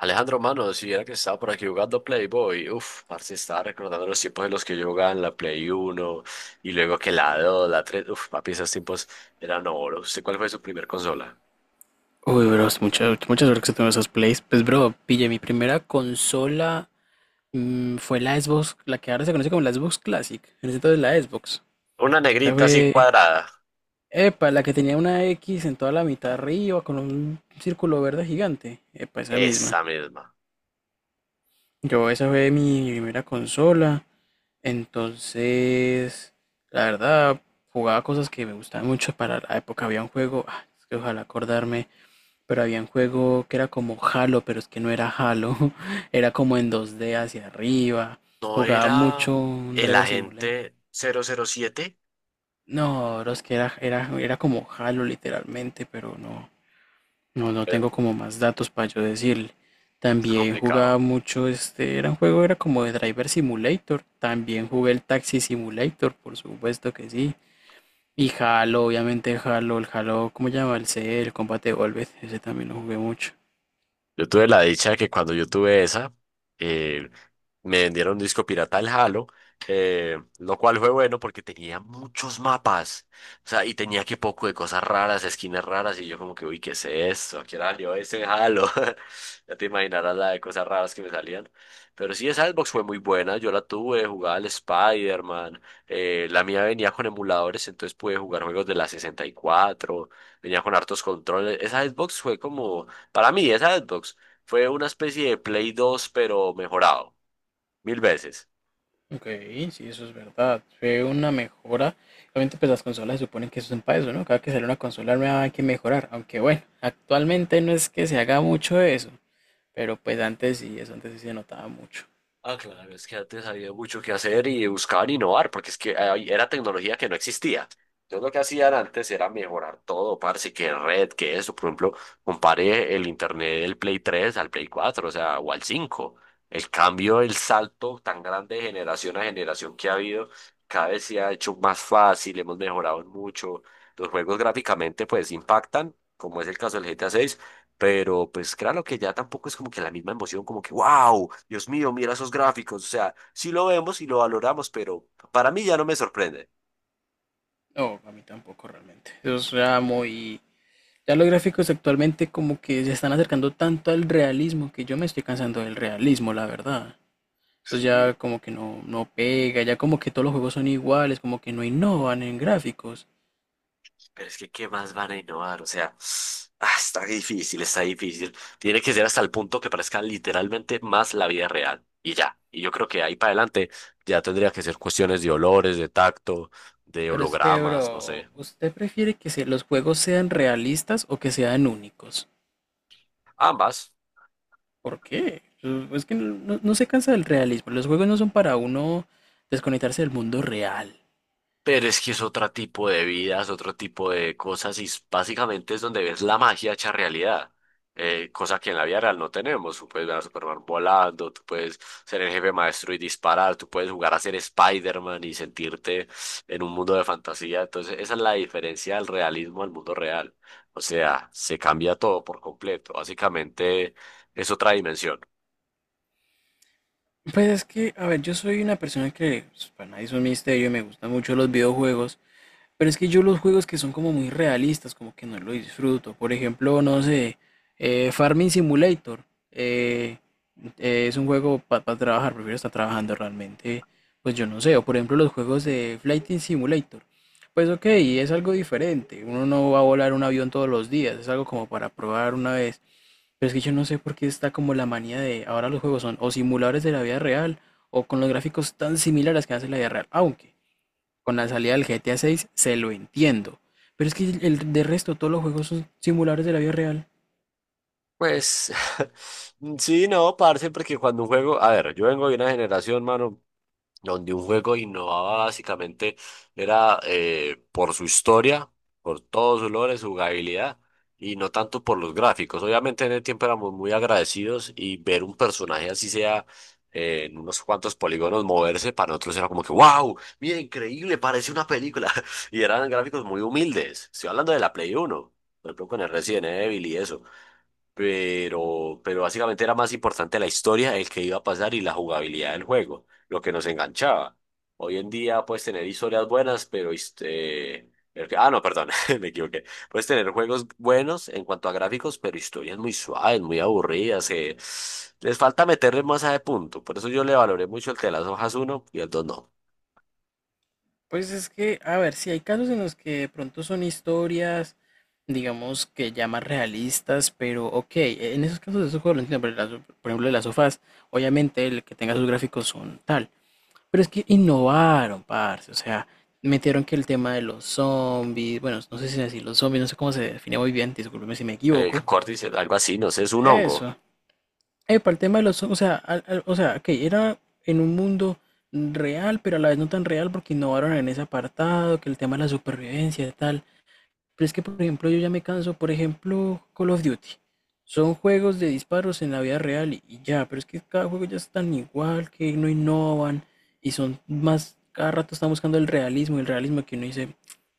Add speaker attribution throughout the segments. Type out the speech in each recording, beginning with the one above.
Speaker 1: Alejandro, mano, si era que estaba por aquí jugando Playboy, uff, parce, estaba recordando los tiempos en los que yo jugaba en la Play Uno y luego que la 2, la 3, uff, papi, esos tiempos eran oro. ¿Usted cuál fue su primer consola?
Speaker 2: Uy, bro, es mucha suerte que tengo esos plays. Pues, bro, pille, mi primera consola fue la Xbox, la que ahora se conoce como la Xbox Classic. En ese entonces la Xbox.
Speaker 1: Una
Speaker 2: La
Speaker 1: negrita así
Speaker 2: fue,
Speaker 1: cuadrada,
Speaker 2: epa, la que tenía una X en toda la mitad arriba con un círculo verde gigante. Epa, esa misma.
Speaker 1: esa misma.
Speaker 2: Yo, esa fue mi primera consola. Entonces, la verdad, jugaba cosas que me gustaban mucho para la época. Había un juego, es que ojalá acordarme. Pero había un juego que era como Halo, pero es que no era Halo, era como en 2D hacia arriba.
Speaker 1: ¿No
Speaker 2: Jugaba
Speaker 1: era
Speaker 2: mucho un
Speaker 1: el
Speaker 2: Driver Simulator.
Speaker 1: agente cero cero siete?
Speaker 2: No, bro, es que era como Halo literalmente, pero no
Speaker 1: Eh,
Speaker 2: tengo como más datos para yo decirle. También jugaba
Speaker 1: complicado.
Speaker 2: mucho, este, era un juego, era como de Driver Simulator. También jugué el Taxi Simulator, por supuesto que sí. Y Halo, obviamente Halo, el Halo, ¿cómo se llama? El Combat Evolved, ese también lo jugué mucho.
Speaker 1: Yo tuve la dicha de que cuando yo tuve esa, eh, me vendieron un disco pirata al Halo, lo cual fue bueno porque tenía muchos mapas, o sea, y tenía que poco de cosas raras, esquinas raras, y yo como que, uy, ¿qué es esto? ¿A qué salió ese Halo? Ya te imaginarás la de cosas raras que me salían. Pero sí, esa Xbox fue muy buena, yo la tuve, jugaba al Spider-Man, la mía venía con emuladores, entonces pude jugar juegos de la 64. Venía con hartos controles, esa Xbox fue como para mí, esa Xbox fue una especie de Play 2 pero mejorado, mil veces.
Speaker 2: Ok, sí, eso es verdad. Fue una mejora. Obviamente, pues las consolas se suponen que eso es para eso, ¿no? Cada que sale una consola nueva hay que mejorar. Aunque bueno, actualmente no es que se haga mucho eso. Pero pues antes sí, eso antes sí se notaba mucho.
Speaker 1: Ah, claro, es que antes había mucho que hacer y buscaban innovar, porque es que ahí era tecnología que no existía. Entonces lo que hacían antes era mejorar todo, parce, que red, que eso. Por ejemplo, compare el internet del Play 3 al Play 4, o sea, o al 5. El cambio, el salto tan grande de generación a generación que ha habido, cada vez se ha hecho más fácil, hemos mejorado en mucho. Los juegos gráficamente pues impactan, como es el caso del GTA 6, pero pues claro que ya tampoco es como que la misma emoción, como que, wow, Dios mío, mira esos gráficos. O sea, sí lo vemos y lo valoramos, pero para mí ya no me sorprende.
Speaker 2: No, a mí tampoco realmente. Ya los gráficos actualmente como que se están acercando tanto al realismo que yo me estoy cansando del realismo, la verdad. Eso ya
Speaker 1: Sí,
Speaker 2: como que no pega, ya como que todos los juegos son iguales, como que no innovan en gráficos.
Speaker 1: pero es que, ¿qué más van a innovar? O sea, ah, está difícil, está difícil. Tiene que ser hasta el punto que parezca literalmente más la vida real. Y ya. Y yo creo que ahí para adelante ya tendría que ser cuestiones de olores, de tacto, de
Speaker 2: Pero es que,
Speaker 1: hologramas, no
Speaker 2: bro,
Speaker 1: sé.
Speaker 2: ¿usted prefiere los juegos sean realistas o que sean únicos?
Speaker 1: Ambas.
Speaker 2: ¿Por qué? Es que no se cansa del realismo. Los juegos no son para uno desconectarse del mundo real.
Speaker 1: Pero es que es otro tipo de vidas, otro tipo de cosas y básicamente es donde ves la magia hecha realidad, cosa que en la vida real no tenemos. Tú puedes ver a Superman volando, tú puedes ser el jefe maestro y disparar, tú puedes jugar a ser Spider-Man y sentirte en un mundo de fantasía. Entonces esa es la diferencia del realismo al mundo real. O sea, se cambia todo por completo. Básicamente es otra dimensión.
Speaker 2: Pues es que, a ver, yo soy una persona que pues, para nadie es un misterio, me gustan mucho los videojuegos. Pero es que yo los juegos que son como muy realistas, como que no lo disfruto. Por ejemplo, no sé, Farming Simulator. eh, es un juego para trabajar, prefiero estar trabajando realmente. Pues yo no sé. O por ejemplo, los juegos de Flight Simulator. Pues ok, es algo diferente. Uno no va a volar un avión todos los días. Es algo como para probar una vez. Pero es que yo no sé por qué está como la manía de ahora los juegos son o simuladores de la vida real o con los gráficos tan similares que hacen la vida real. Aunque con la salida del GTA 6 se lo entiendo. Pero es que de resto todos los juegos son simuladores de la vida real.
Speaker 1: Pues sí, no, parce, porque cuando un juego, a ver, yo vengo de una generación, mano, donde un juego innovaba básicamente era por su historia, por todos sus logros, su jugabilidad y no tanto por los gráficos. Obviamente en el tiempo éramos muy agradecidos y ver un personaje así sea en unos cuantos polígonos moverse para nosotros era como que wow, mira, increíble, parece una película. Y eran gráficos muy humildes. Estoy hablando de la Play Uno, por ejemplo, con el Resident Evil y eso, pero básicamente era más importante la historia, el que iba a pasar y la jugabilidad del juego, lo que nos enganchaba. Hoy en día puedes tener historias buenas, pero este... Ah, no, perdón, me equivoqué. Puedes tener juegos buenos en cuanto a gráficos, pero historias muy suaves, muy aburridas, que les falta meterle más a de punto. Por eso yo le valoré mucho el de las hojas uno y el 2 no.
Speaker 2: Pues es que, a ver, si hay casos en los que de pronto son historias, digamos que ya más realistas, pero ok, en esos casos de esos juegos lo entiendo, pero por ejemplo de las sofás, obviamente el que tenga sus gráficos son tal. Pero es que innovaron, parce, o sea, metieron que el tema de los zombies, bueno, no sé si decir los zombies, no sé cómo se define muy bien, discúlpeme si me
Speaker 1: El
Speaker 2: equivoco.
Speaker 1: córdice, algo así, no sé, es un hongo.
Speaker 2: Eso. Para el tema de los, o sea, o sea, que era en un mundo real, pero a la vez no tan real porque innovaron en ese apartado, que el tema de la supervivencia y tal. Pero es que, por ejemplo, yo ya me canso, por ejemplo, Call of Duty. Son juegos de disparos en la vida real y ya, pero es que cada juego ya es tan igual, que no innovan y son más, cada rato están buscando el realismo que uno dice,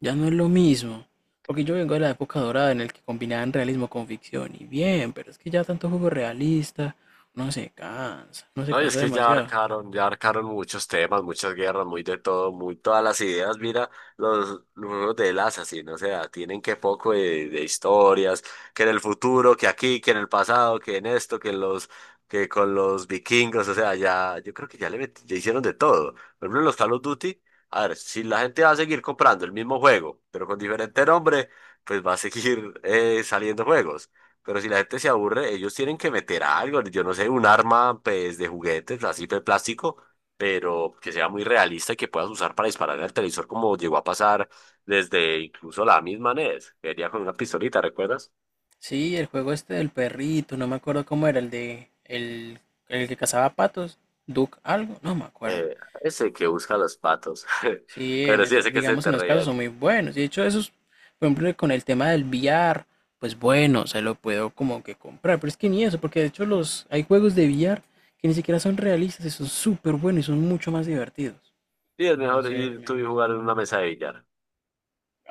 Speaker 2: ya no es lo mismo. Porque yo vengo de la época dorada en el que combinaban realismo con ficción y bien, pero es que ya tanto juego realista, uno se
Speaker 1: No, y es
Speaker 2: cansa
Speaker 1: que
Speaker 2: demasiado.
Speaker 1: ya abarcaron muchos temas, muchas guerras, muy de todo, muy todas las ideas. Mira, los juegos de las así, no sea, tienen que poco de historias, que en el futuro, que aquí, que en el pasado, que en esto, que en los, que con los vikingos, o sea, ya, yo creo que ya ya hicieron de todo. Por ejemplo, en los Call of Duty, a ver, si la gente va a seguir comprando el mismo juego, pero con diferente nombre, pues va a seguir saliendo juegos. Pero si la gente se aburre, ellos tienen que meter algo, yo no sé, un arma pues de juguetes, así de plástico, pero que sea muy realista y que puedas usar para disparar al el televisor como llegó a pasar desde incluso la misma NES, que venía con una pistolita, ¿recuerdas?
Speaker 2: Sí, el juego este del perrito, no me acuerdo cómo era, el que cazaba patos, Duck algo, no me acuerdo.
Speaker 1: Eh, Ese que busca los patos,
Speaker 2: Sí, en
Speaker 1: pero sí,
Speaker 2: eso,
Speaker 1: ese que se
Speaker 2: digamos
Speaker 1: te
Speaker 2: en los
Speaker 1: reía
Speaker 2: casos
Speaker 1: de
Speaker 2: son
Speaker 1: ti.
Speaker 2: muy buenos. Y de hecho, esos, por ejemplo, con el tema del VR, pues bueno, se lo puedo como que comprar. Pero es que ni eso, porque de hecho los hay juegos de VR que ni siquiera son realistas y son súper buenos y son mucho más divertidos.
Speaker 1: Sí, es mejor
Speaker 2: Entonces,
Speaker 1: ir tú y
Speaker 2: imagínate.
Speaker 1: jugar en una mesa de billar.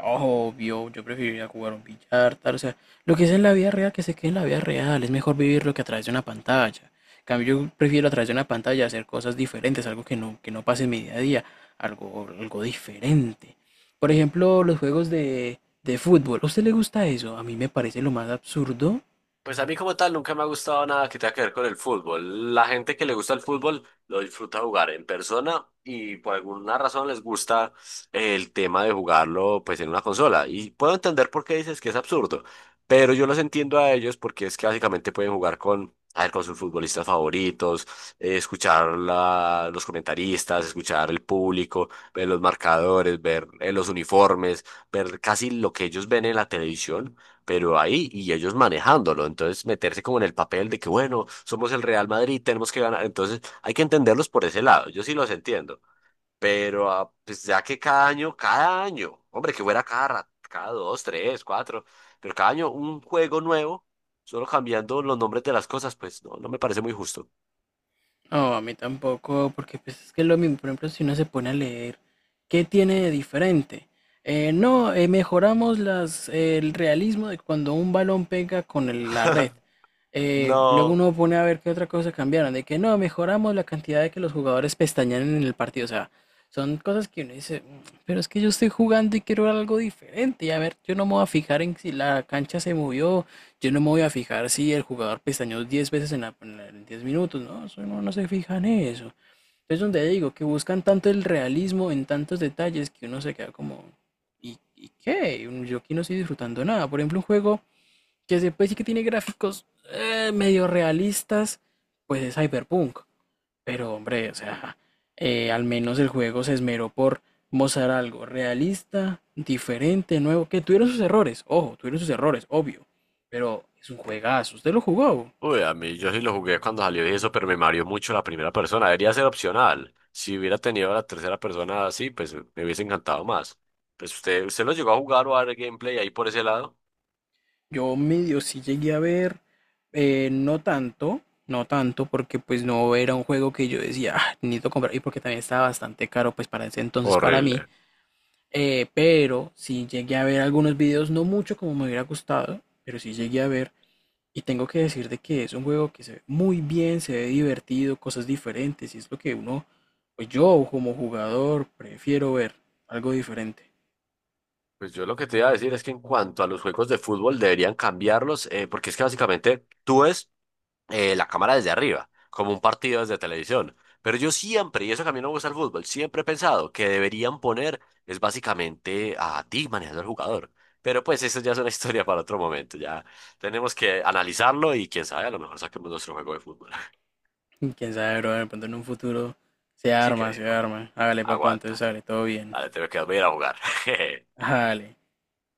Speaker 2: Obvio, yo preferiría jugar un billar, tal, o sea, lo que es en la vida real, que se quede en la vida real, es mejor vivirlo que a través de una pantalla. En cambio, yo prefiero a través de una pantalla hacer cosas diferentes, algo que que no pase en mi día a día, algo diferente. Por ejemplo, los juegos de fútbol, ¿a usted le gusta eso? A mí me parece lo más absurdo.
Speaker 1: Pues a mí como tal nunca me ha gustado nada que tenga que ver con el fútbol. La gente que le gusta el fútbol lo disfruta jugar en persona y por alguna razón les gusta el tema de jugarlo pues en una consola. Y puedo entender por qué dices que es absurdo, pero yo los entiendo a ellos porque es que básicamente pueden jugar con, a ver, con sus futbolistas favoritos, escuchar los comentaristas, escuchar el público, ver los marcadores, ver los uniformes, ver casi lo que ellos ven en la televisión pero ahí y ellos manejándolo. Entonces, meterse como en el papel de que, bueno, somos el Real Madrid, tenemos que ganar. Entonces, hay que entenderlos por ese lado. Yo sí los entiendo. Pero ah, pues ya que cada año, hombre, que fuera cada, cada dos, tres, cuatro, pero cada año un juego nuevo, solo cambiando los nombres de las cosas, pues no, no me parece muy justo.
Speaker 2: No, a mí tampoco, porque pues es que es lo mismo, por ejemplo, si uno se pone a leer, ¿qué tiene de diferente? No, mejoramos el realismo de cuando un balón pega con la red. Luego
Speaker 1: No.
Speaker 2: uno pone a ver qué otra cosa cambiaron, de que no, mejoramos la cantidad de que los jugadores pestañean en el partido. O sea, son cosas que uno dice, "Mm, pero es que yo estoy jugando y quiero ver algo diferente". Y a ver, yo no me voy a fijar en si la cancha se movió, yo no me voy a fijar si el jugador pestañeó 10 veces en 10 minutos, ¿no? Eso no, no se fija en eso. Es donde digo que buscan tanto el realismo en tantos detalles que uno se queda como, ¿y qué? Yo aquí no estoy disfrutando nada. Por ejemplo, un juego que se puede decir que tiene gráficos medio realistas, pues es Cyberpunk. Pero hombre, o sea, al menos el juego se esmeró por mostrar algo realista, diferente, nuevo, que tuvieron sus errores, ojo, tuvieron sus errores, obvio, pero es un juegazo, usted lo jugó.
Speaker 1: Uy, a mí yo sí lo jugué cuando salió y eso, pero me mareó mucho la primera persona. Debería ser opcional. Si hubiera tenido la tercera persona así, pues me hubiese encantado más. Pues usted, usted lo llegó a jugar o a ver gameplay ahí por ese lado.
Speaker 2: Yo medio sí llegué a ver, eh, no tanto, no tanto, porque pues no era un juego que yo decía, "Ah, necesito comprar", y porque también estaba bastante caro, pues para ese entonces para mí,
Speaker 1: Horrible.
Speaker 2: pero sí llegué a ver algunos videos, no mucho como me hubiera gustado, pero sí llegué a ver. Y tengo que decir de que es un juego que se ve muy bien, se ve divertido, cosas diferentes, y es lo que uno, pues yo como jugador prefiero ver algo diferente.
Speaker 1: Pues yo lo que te iba a decir es que en cuanto a los juegos de fútbol deberían cambiarlos, porque es que básicamente tú ves la cámara desde arriba, como un partido desde televisión. Pero yo siempre, y eso que a mí no me gusta el fútbol, siempre he pensado que deberían poner, es básicamente a ti manejando al jugador. Pero pues eso ya es una historia para otro momento, ya tenemos que analizarlo y quién sabe, a lo mejor saquemos nuestro juego de fútbol.
Speaker 2: Y quién sabe, bro, de pronto en un futuro
Speaker 1: Sí
Speaker 2: se
Speaker 1: creo,
Speaker 2: arma. Hágale, papá, entonces
Speaker 1: aguanta.
Speaker 2: sale todo bien.
Speaker 1: Vale, tengo que dormir a jugar.
Speaker 2: Hágale.